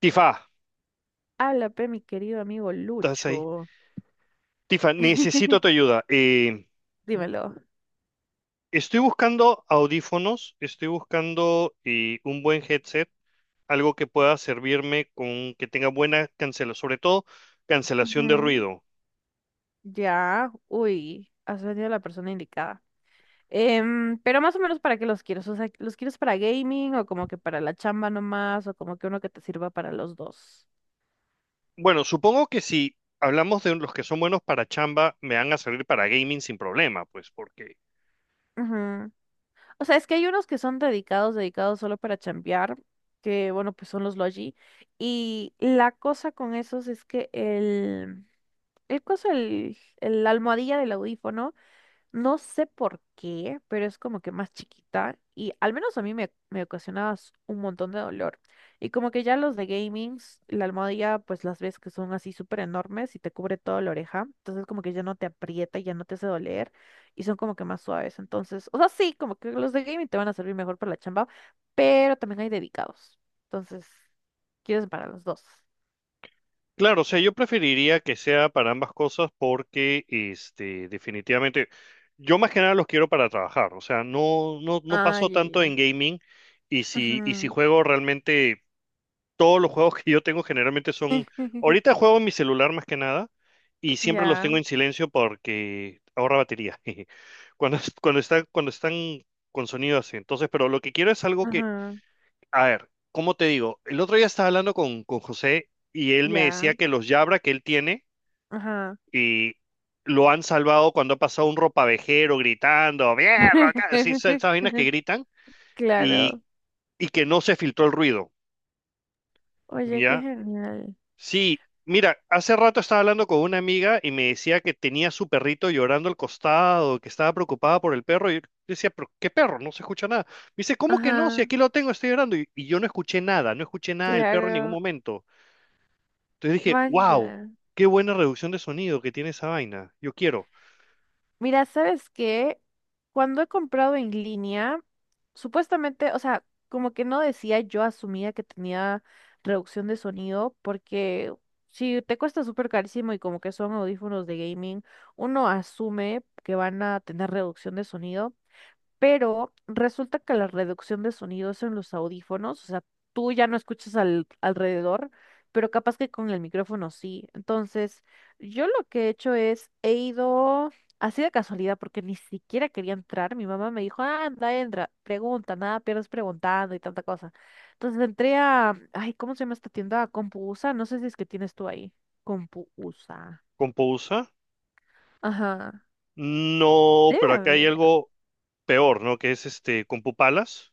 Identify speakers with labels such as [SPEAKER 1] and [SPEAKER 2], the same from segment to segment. [SPEAKER 1] Tifa,
[SPEAKER 2] Habla, pe, mi querido amigo
[SPEAKER 1] estás ahí.
[SPEAKER 2] Lucho.
[SPEAKER 1] Tifa, necesito tu ayuda.
[SPEAKER 2] Dímelo.
[SPEAKER 1] Estoy buscando audífonos, estoy buscando un buen headset, algo que pueda servirme con que tenga buena cancelación, sobre todo cancelación de
[SPEAKER 2] Ujú.
[SPEAKER 1] ruido.
[SPEAKER 2] Ya, uy, has venido a la persona indicada. Pero más o menos para qué los quieres, o sea, ¿los quieres para gaming o como que para la chamba nomás o como que uno que te sirva para los dos?
[SPEAKER 1] Bueno, supongo que si hablamos de los que son buenos para chamba, me van a servir para gaming sin problema, pues porque...
[SPEAKER 2] Ujú. O sea, es que hay unos que son dedicados, dedicados solo para chambear, que bueno, pues son los Logi. Y la cosa con esos es que el coso, la almohadilla del audífono. No sé por qué, pero es como que más chiquita y al menos a mí me ocasionaba un montón de dolor. Y como que ya los de gamings, la almohadilla, pues las ves que son así súper enormes y te cubre toda la oreja. Entonces como que ya no te aprieta, y ya no te hace doler y son como que más suaves. Entonces, o sea, sí, como que los de gaming te van a servir mejor para la chamba, pero también hay dedicados. Entonces, quieres para los dos.
[SPEAKER 1] Claro, o sea, yo preferiría que sea para ambas cosas porque, este, definitivamente, yo más que nada los quiero para trabajar, o sea, no, no, no
[SPEAKER 2] Ah,
[SPEAKER 1] paso
[SPEAKER 2] ya,
[SPEAKER 1] tanto
[SPEAKER 2] ya.
[SPEAKER 1] en gaming y si
[SPEAKER 2] Ujú, ya.
[SPEAKER 1] juego realmente, todos los juegos que yo tengo generalmente son,
[SPEAKER 2] Ujú.
[SPEAKER 1] ahorita juego en mi celular más que nada y siempre los tengo
[SPEAKER 2] Ya,
[SPEAKER 1] en silencio porque ahorra batería, jeje, cuando están con sonido así, entonces, pero lo que quiero es algo...
[SPEAKER 2] ajá,
[SPEAKER 1] A ver, ¿cómo te digo? El otro día estaba hablando con José y él me decía
[SPEAKER 2] ya,
[SPEAKER 1] que los Jabra que él tiene
[SPEAKER 2] ajá.
[SPEAKER 1] y lo han salvado cuando ha pasado un ropavejero gritando, "¡Mierda! Acá", sí, esas vainas que gritan y,
[SPEAKER 2] Claro.
[SPEAKER 1] y que no se filtró el ruido,
[SPEAKER 2] Oye, qué
[SPEAKER 1] ¿ya?
[SPEAKER 2] genial.
[SPEAKER 1] Sí, mira, hace rato estaba hablando con una amiga y me decía que tenía su perrito llorando al costado, que estaba preocupada por el perro y yo decía, ¿pero qué perro? No se escucha nada. Me dice, ¿cómo que no? Si
[SPEAKER 2] Ajá,
[SPEAKER 1] aquí lo tengo, estoy llorando y yo no escuché nada, no escuché nada del perro en ningún
[SPEAKER 2] claro.
[SPEAKER 1] momento. Entonces dije, wow,
[SPEAKER 2] Vaya.
[SPEAKER 1] qué buena reducción de sonido que tiene esa vaina. Yo quiero.
[SPEAKER 2] Mira, ¿sabes qué? Cuando he comprado en línea, supuestamente, o sea, como que no decía, yo asumía que tenía reducción de sonido, porque si te cuesta súper carísimo y como que son audífonos de gaming, uno asume que van a tener reducción de sonido. Pero resulta que la reducción de sonidos en los audífonos, o sea, tú ya no escuchas alrededor, pero capaz que con el micrófono sí. Entonces, yo lo que he hecho es, he ido así de casualidad, porque ni siquiera quería entrar. Mi mamá me dijo, "Ah, anda, entra, pregunta, nada, pierdes preguntando y tanta cosa". Entonces entré a, ay, ¿cómo se llama esta tienda? Compuusa, no sé si es que tienes tú ahí. Compuusa.
[SPEAKER 1] ¿Compousa?
[SPEAKER 2] Ajá.
[SPEAKER 1] No,
[SPEAKER 2] Debe
[SPEAKER 1] pero acá hay
[SPEAKER 2] haber.
[SPEAKER 1] algo peor, ¿no? Que es este, Compupalas.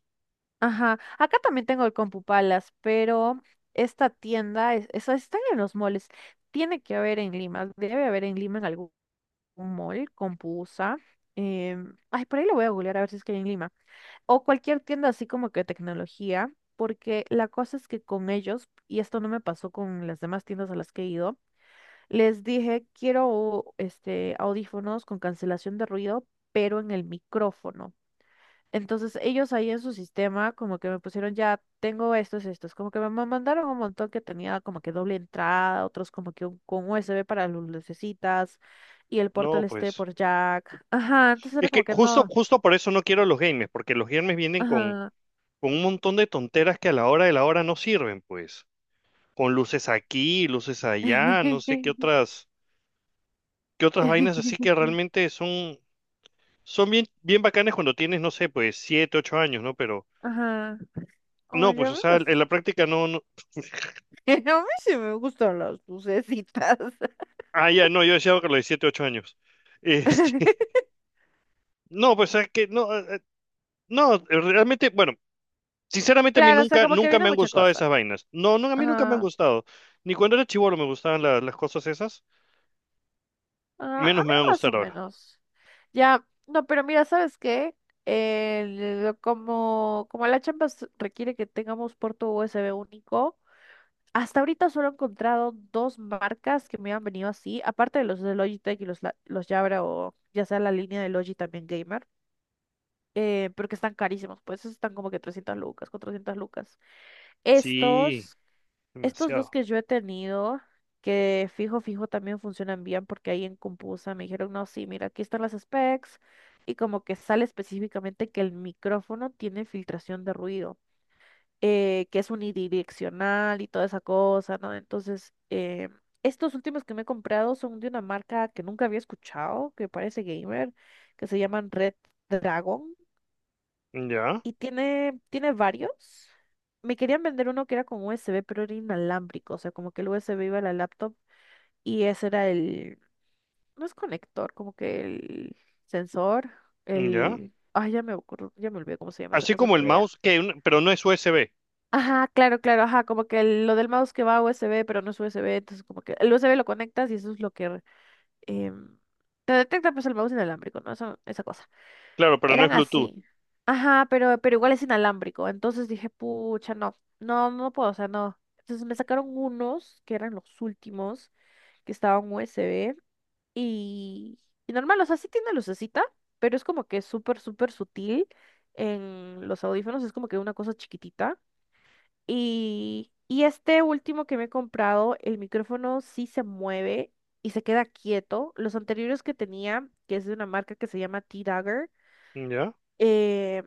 [SPEAKER 2] Ajá, acá también tengo el Compupalas, pero esta tienda, están en los moles, tiene que haber en Lima, debe haber en Lima en algún mall, Compusa, ay, por ahí lo voy a googlear a ver si es que hay en Lima, o cualquier tienda así como que tecnología, porque la cosa es que con ellos, y esto no me pasó con las demás tiendas a las que he ido, les dije, quiero este, audífonos con cancelación de ruido, pero en el micrófono. Entonces ellos ahí en su sistema como que me pusieron ya, tengo estos, como que me mandaron un montón que tenía como que doble entrada, otros como que con USB para las lucecitas y el puerto
[SPEAKER 1] No,
[SPEAKER 2] este
[SPEAKER 1] pues.
[SPEAKER 2] por jack. Ajá, entonces
[SPEAKER 1] Es
[SPEAKER 2] era
[SPEAKER 1] que
[SPEAKER 2] como que
[SPEAKER 1] justo,
[SPEAKER 2] no.
[SPEAKER 1] justo por eso no quiero los gamers, porque los gamers vienen
[SPEAKER 2] Ajá.
[SPEAKER 1] con un montón de tonteras que a la hora de la hora no sirven, pues. Con luces aquí, luces allá, no sé qué otras vainas así que realmente son, son bien, bien bacanes cuando tienes, no sé, pues, siete, ocho años, ¿no? Pero...
[SPEAKER 2] Ajá.
[SPEAKER 1] No,
[SPEAKER 2] Oye,
[SPEAKER 1] pues,
[SPEAKER 2] a
[SPEAKER 1] o
[SPEAKER 2] mí,
[SPEAKER 1] sea,
[SPEAKER 2] pues,
[SPEAKER 1] en la práctica no, no...
[SPEAKER 2] a mí sí me gustan las lucecitas.
[SPEAKER 1] Ah, ya, no, yo decía que a los 7, 8 años. Este, no, pues es que no, no, realmente, bueno, sinceramente a mí
[SPEAKER 2] Claro, o sea,
[SPEAKER 1] nunca,
[SPEAKER 2] como que
[SPEAKER 1] nunca
[SPEAKER 2] viene
[SPEAKER 1] me han
[SPEAKER 2] mucha
[SPEAKER 1] gustado esas
[SPEAKER 2] cosa.
[SPEAKER 1] vainas. No, no, a mí nunca me han
[SPEAKER 2] Ajá.
[SPEAKER 1] gustado. Ni cuando era chibolo me gustaban las cosas esas,
[SPEAKER 2] Ah, a
[SPEAKER 1] menos
[SPEAKER 2] mí
[SPEAKER 1] me van a
[SPEAKER 2] más
[SPEAKER 1] gustar
[SPEAKER 2] o
[SPEAKER 1] ahora.
[SPEAKER 2] menos. Ya, no, pero mira, ¿sabes qué? El- como, como la Champions requiere que tengamos puerto USB único, hasta ahorita solo he encontrado dos marcas que me han venido así, aparte de los de Logitech y los, los Jabra o ya sea la línea de Logi también Gamer, pero que están carísimos, pues esos están como que 300 lucas, 400 lucas.
[SPEAKER 1] Sí,
[SPEAKER 2] Estos estos dos
[SPEAKER 1] demasiado.
[SPEAKER 2] que yo he tenido, que fijo, fijo también funcionan bien porque ahí en Compusa me dijeron, no, sí, mira, aquí están las specs y como que sale específicamente que el micrófono tiene filtración de ruido, que es unidireccional y toda esa cosa, ¿no? Entonces, estos últimos que me he comprado son de una marca que nunca había escuchado, que parece gamer, que se llaman Red Dragon.
[SPEAKER 1] Ya,
[SPEAKER 2] Y tiene, tiene varios. Me querían vender uno que era con USB, pero era inalámbrico. O sea, como que el USB iba a la laptop y ese era el... No es conector, como que el sensor,
[SPEAKER 1] ya.
[SPEAKER 2] el... Ay, ya me acuerdo, ya me olvidé cómo se llama esa
[SPEAKER 1] Así
[SPEAKER 2] cosa en
[SPEAKER 1] como el
[SPEAKER 2] realidad.
[SPEAKER 1] mouse, que, pero no es USB,
[SPEAKER 2] Ajá, claro, claro, ajá, como que lo del mouse que va a USB, pero no es USB, entonces como que el USB lo conectas y eso es lo que em, te detecta pues el mouse inalámbrico, ¿no? Eso, esa cosa.
[SPEAKER 1] claro, pero no es
[SPEAKER 2] Eran
[SPEAKER 1] Bluetooth.
[SPEAKER 2] así. Ajá, pero igual es inalámbrico. Entonces dije, pucha, no, no, no puedo, o sea, no. Entonces me sacaron unos que eran los últimos, que estaban USB. Y, y normal, o sea, sí tiene lucecita, pero es como que súper, súper sutil. En los audífonos es como que una cosa chiquitita. Y este último que me he comprado, el micrófono sí se mueve y se queda quieto. Los anteriores que tenía, que es de una marca que se llama T-Dagger,
[SPEAKER 1] Ya,
[SPEAKER 2] eh,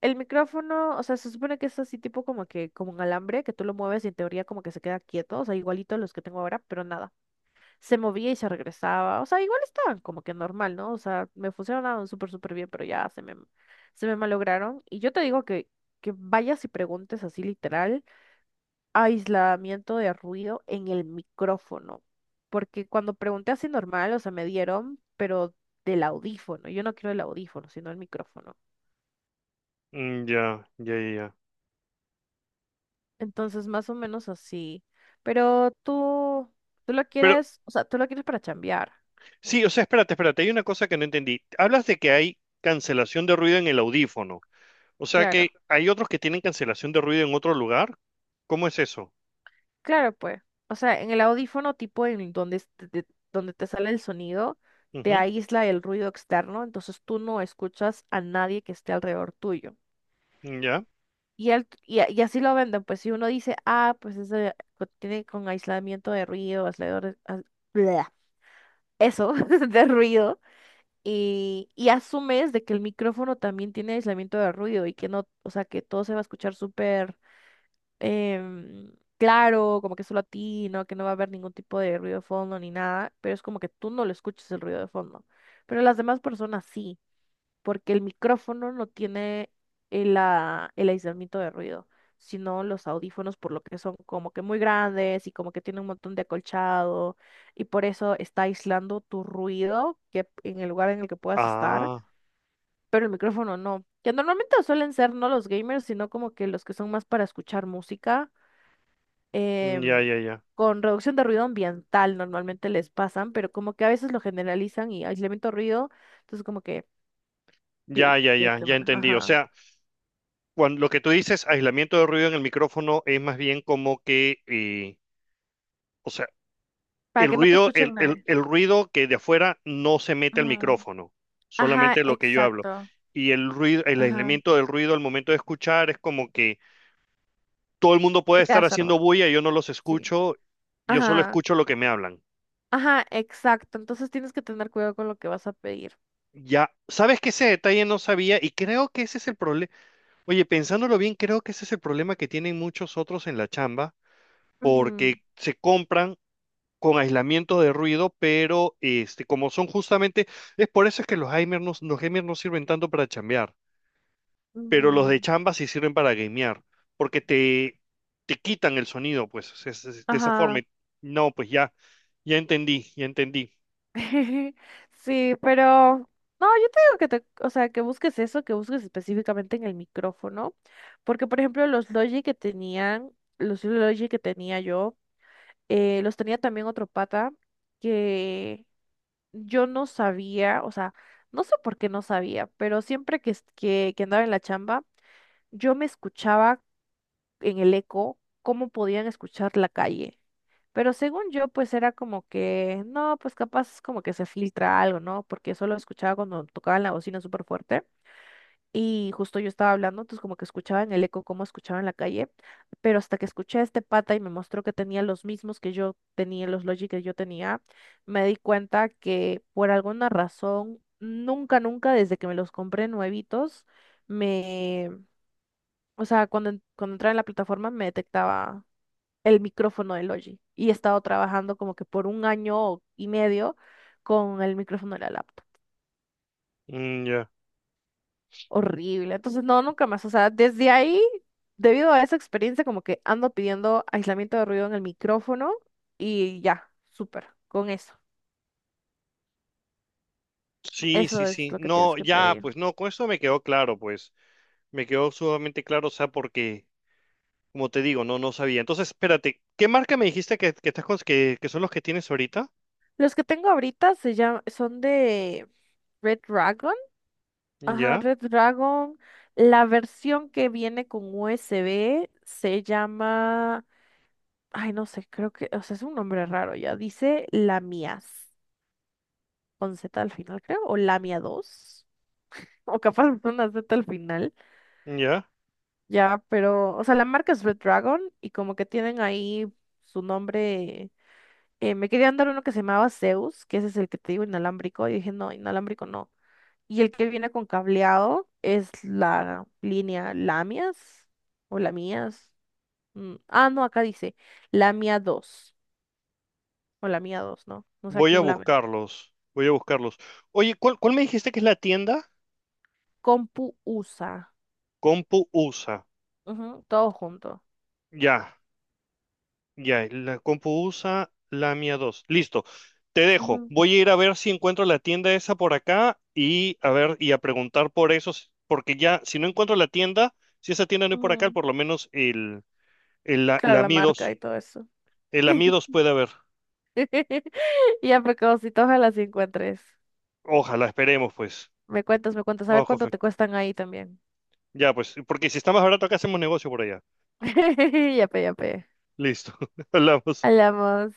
[SPEAKER 2] el micrófono, o sea, se supone que es así tipo como que, como un alambre, que tú lo mueves y en teoría como que se queda quieto, o sea, igualito a los que tengo ahora, pero nada, se movía y se regresaba, o sea, igual estaban como que normal, ¿no? O sea, me funcionaban súper, súper bien, pero ya se me malograron. Y yo te digo que vayas y preguntes así literal, aislamiento de ruido en el micrófono, porque cuando pregunté así normal, o sea, me dieron, pero del audífono, yo no quiero el audífono, sino el micrófono.
[SPEAKER 1] mm, ya, ya, ya. Ya.
[SPEAKER 2] Entonces, más o menos así. Pero tú lo
[SPEAKER 1] Pero
[SPEAKER 2] quieres, o sea, tú lo quieres para chambear.
[SPEAKER 1] sí, o sea, espérate, espérate, hay una cosa que no entendí. Hablas de que hay cancelación de ruido en el audífono. O sea
[SPEAKER 2] Claro,
[SPEAKER 1] que hay otros que tienen cancelación de ruido en otro lugar. ¿Cómo es eso?
[SPEAKER 2] claro, pues. O sea, en el audífono tipo en donde, donde te sale el sonido, te
[SPEAKER 1] Ujú.
[SPEAKER 2] aísla el ruido externo, entonces tú no escuchas a nadie que esté alrededor tuyo.
[SPEAKER 1] Ya.
[SPEAKER 2] Y así lo venden, pues si uno dice, ah, pues ese tiene con aislamiento de ruido, aislador, bleh, eso, de ruido. Y, y asumes de que el micrófono también tiene aislamiento de ruido y que no, o sea, que todo se va a escuchar súper em, claro, como que solo a ti, ¿no? Que no va a haber ningún tipo de ruido de fondo ni nada, pero es como que tú no lo escuches el ruido de fondo, pero las demás personas sí porque el micrófono no tiene el aislamiento de ruido, sino los audífonos, por lo que son como que muy grandes y como que tienen un montón de acolchado, y por eso está aislando tu ruido que en el lugar en el que puedas estar,
[SPEAKER 1] Ah,
[SPEAKER 2] pero el micrófono no. Que normalmente suelen ser no los gamers, sino como que los que son más para escuchar música.
[SPEAKER 1] ya,
[SPEAKER 2] em,
[SPEAKER 1] ya, ya.
[SPEAKER 2] con reducción de ruido ambiental normalmente les pasan, pero como que a veces lo generalizan y aislamiento de ruido, entonces como que
[SPEAKER 1] Ya, ya,
[SPEAKER 2] de
[SPEAKER 1] ya, ya
[SPEAKER 2] tema.
[SPEAKER 1] entendí. O
[SPEAKER 2] Ajá.
[SPEAKER 1] sea, cuando, lo que tú dices, aislamiento de ruido en el micrófono, es más bien como que, o sea,
[SPEAKER 2] Para
[SPEAKER 1] el
[SPEAKER 2] que no te
[SPEAKER 1] ruido, el,
[SPEAKER 2] escuchen
[SPEAKER 1] el,
[SPEAKER 2] nadie.
[SPEAKER 1] el ruido que de afuera no se mete al
[SPEAKER 2] Ajá,
[SPEAKER 1] micrófono,
[SPEAKER 2] ajá,
[SPEAKER 1] solamente lo que yo hablo.
[SPEAKER 2] exacto.
[SPEAKER 1] Y el ruido, el
[SPEAKER 2] Ajá,
[SPEAKER 1] aislamiento del ruido al momento de escuchar es como que todo el mundo
[SPEAKER 2] te
[SPEAKER 1] puede estar
[SPEAKER 2] quedas
[SPEAKER 1] haciendo
[SPEAKER 2] sordo.
[SPEAKER 1] bulla, yo no los
[SPEAKER 2] Sí.
[SPEAKER 1] escucho, yo solo
[SPEAKER 2] Ajá,
[SPEAKER 1] escucho lo que me hablan.
[SPEAKER 2] ajá, exacto. Entonces tienes que tener cuidado con lo que vas a pedir.
[SPEAKER 1] Ya, sabes que ese detalle no sabía y creo que ese es el problema. Oye, pensándolo bien, creo que ese es el problema que tienen muchos otros en la chamba,
[SPEAKER 2] Ujú,
[SPEAKER 1] porque se compran con aislamiento de ruido, pero este, como son justamente, es por eso es que los gamers no sirven tanto para chambear, pero los
[SPEAKER 2] ujú.
[SPEAKER 1] de chamba sí sirven para gamear, porque te quitan el sonido, pues, es de esa forma.
[SPEAKER 2] Ajá.
[SPEAKER 1] Y... No, pues ya, ya entendí, ya entendí.
[SPEAKER 2] Sí, pero no, yo te digo que te, o sea, que busques eso, que busques específicamente en el micrófono, porque por ejemplo los Logi que tenían, los Logi que tenía yo, los tenía también otro pata que yo no sabía, o sea, no sé por qué no sabía, pero siempre que, que andaba en la chamba, yo me escuchaba en el eco cómo podían escuchar la calle. Pero según yo, pues era como que, no, pues capaz como que se filtra algo, ¿no? Porque solo escuchaba cuando tocaban la bocina súper fuerte. Y justo yo estaba hablando, entonces como que escuchaba en el eco cómo escuchaba en la calle, pero hasta que escuché a este pata y me mostró que tenía los mismos que yo tenía, los Logic que yo tenía, me di cuenta que por alguna razón, nunca, nunca, desde que me los compré nuevitos, me, o sea, cuando, cuando entraba en la plataforma me detectaba el micrófono de Logic y he estado trabajando como que por un año y medio con el micrófono de la laptop.
[SPEAKER 1] Mm, ya.
[SPEAKER 2] Horrible. Entonces, no, nunca más. O sea, desde ahí, debido a esa experiencia, como que ando pidiendo aislamiento de ruido en el micrófono y ya, súper, con eso.
[SPEAKER 1] Sí, sí,
[SPEAKER 2] Eso es
[SPEAKER 1] sí.
[SPEAKER 2] lo que
[SPEAKER 1] No,
[SPEAKER 2] tienes que
[SPEAKER 1] ya,
[SPEAKER 2] pedir.
[SPEAKER 1] pues no, con eso me quedó claro, pues. Me quedó sumamente claro, o sea, porque, como te digo, no, no sabía. Entonces, espérate, ¿qué marca me dijiste que estás que son los que tienes ahorita?
[SPEAKER 2] Los que tengo ahorita se llaman, son de Red Dragon. Ajá,
[SPEAKER 1] Ya,
[SPEAKER 2] Red Dragon. La versión que viene con USB se llama, ay, no sé, creo que, o sea, es un nombre raro ya. Dice Lamias, con Z al final, creo, o Lamia 2 o capaz con una Z al final.
[SPEAKER 1] ya.
[SPEAKER 2] Ya, pero, o sea, la marca es Red Dragon y como que tienen ahí su nombre. Me querían dar uno que se llamaba Zeus, que ese es el que te digo inalámbrico, y dije, no, inalámbrico no. Y el que viene con cableado es la línea Lamias o Lamias. Ah, no, acá dice Lamia 2 o Lamia dos, ¿no? No sé a
[SPEAKER 1] Voy a
[SPEAKER 2] quién lame.
[SPEAKER 1] buscarlos. Voy a buscarlos. Oye, ¿cuál, cuál me dijiste que es la tienda?
[SPEAKER 2] Compu USA.
[SPEAKER 1] Compu USA.
[SPEAKER 2] Ujú, todo junto.
[SPEAKER 1] Ya, ya. La Compu USA Lamia 2. Listo. Te dejo.
[SPEAKER 2] Ujú,
[SPEAKER 1] Voy a ir a ver si encuentro la tienda esa por acá y a ver y a preguntar por esos, porque ya, si no encuentro la tienda, si esa tienda no hay por acá,
[SPEAKER 2] ujú.
[SPEAKER 1] por lo menos el la,
[SPEAKER 2] Claro,
[SPEAKER 1] la
[SPEAKER 2] la
[SPEAKER 1] Mi
[SPEAKER 2] marca
[SPEAKER 1] 2.
[SPEAKER 2] y todo eso.
[SPEAKER 1] El Amidos puede haber.
[SPEAKER 2] Ya, pecadosito, ojalá sí encuentres.
[SPEAKER 1] Ojalá, esperemos, pues.
[SPEAKER 2] Me cuentas, a ver
[SPEAKER 1] Vamos con
[SPEAKER 2] cuánto
[SPEAKER 1] fe.
[SPEAKER 2] te cuestan ahí también.
[SPEAKER 1] Ya, pues, porque si está más barato acá, hacemos negocio por allá.
[SPEAKER 2] Ya, pe, ya, pe.
[SPEAKER 1] Listo. Hablamos.
[SPEAKER 2] Hablamos.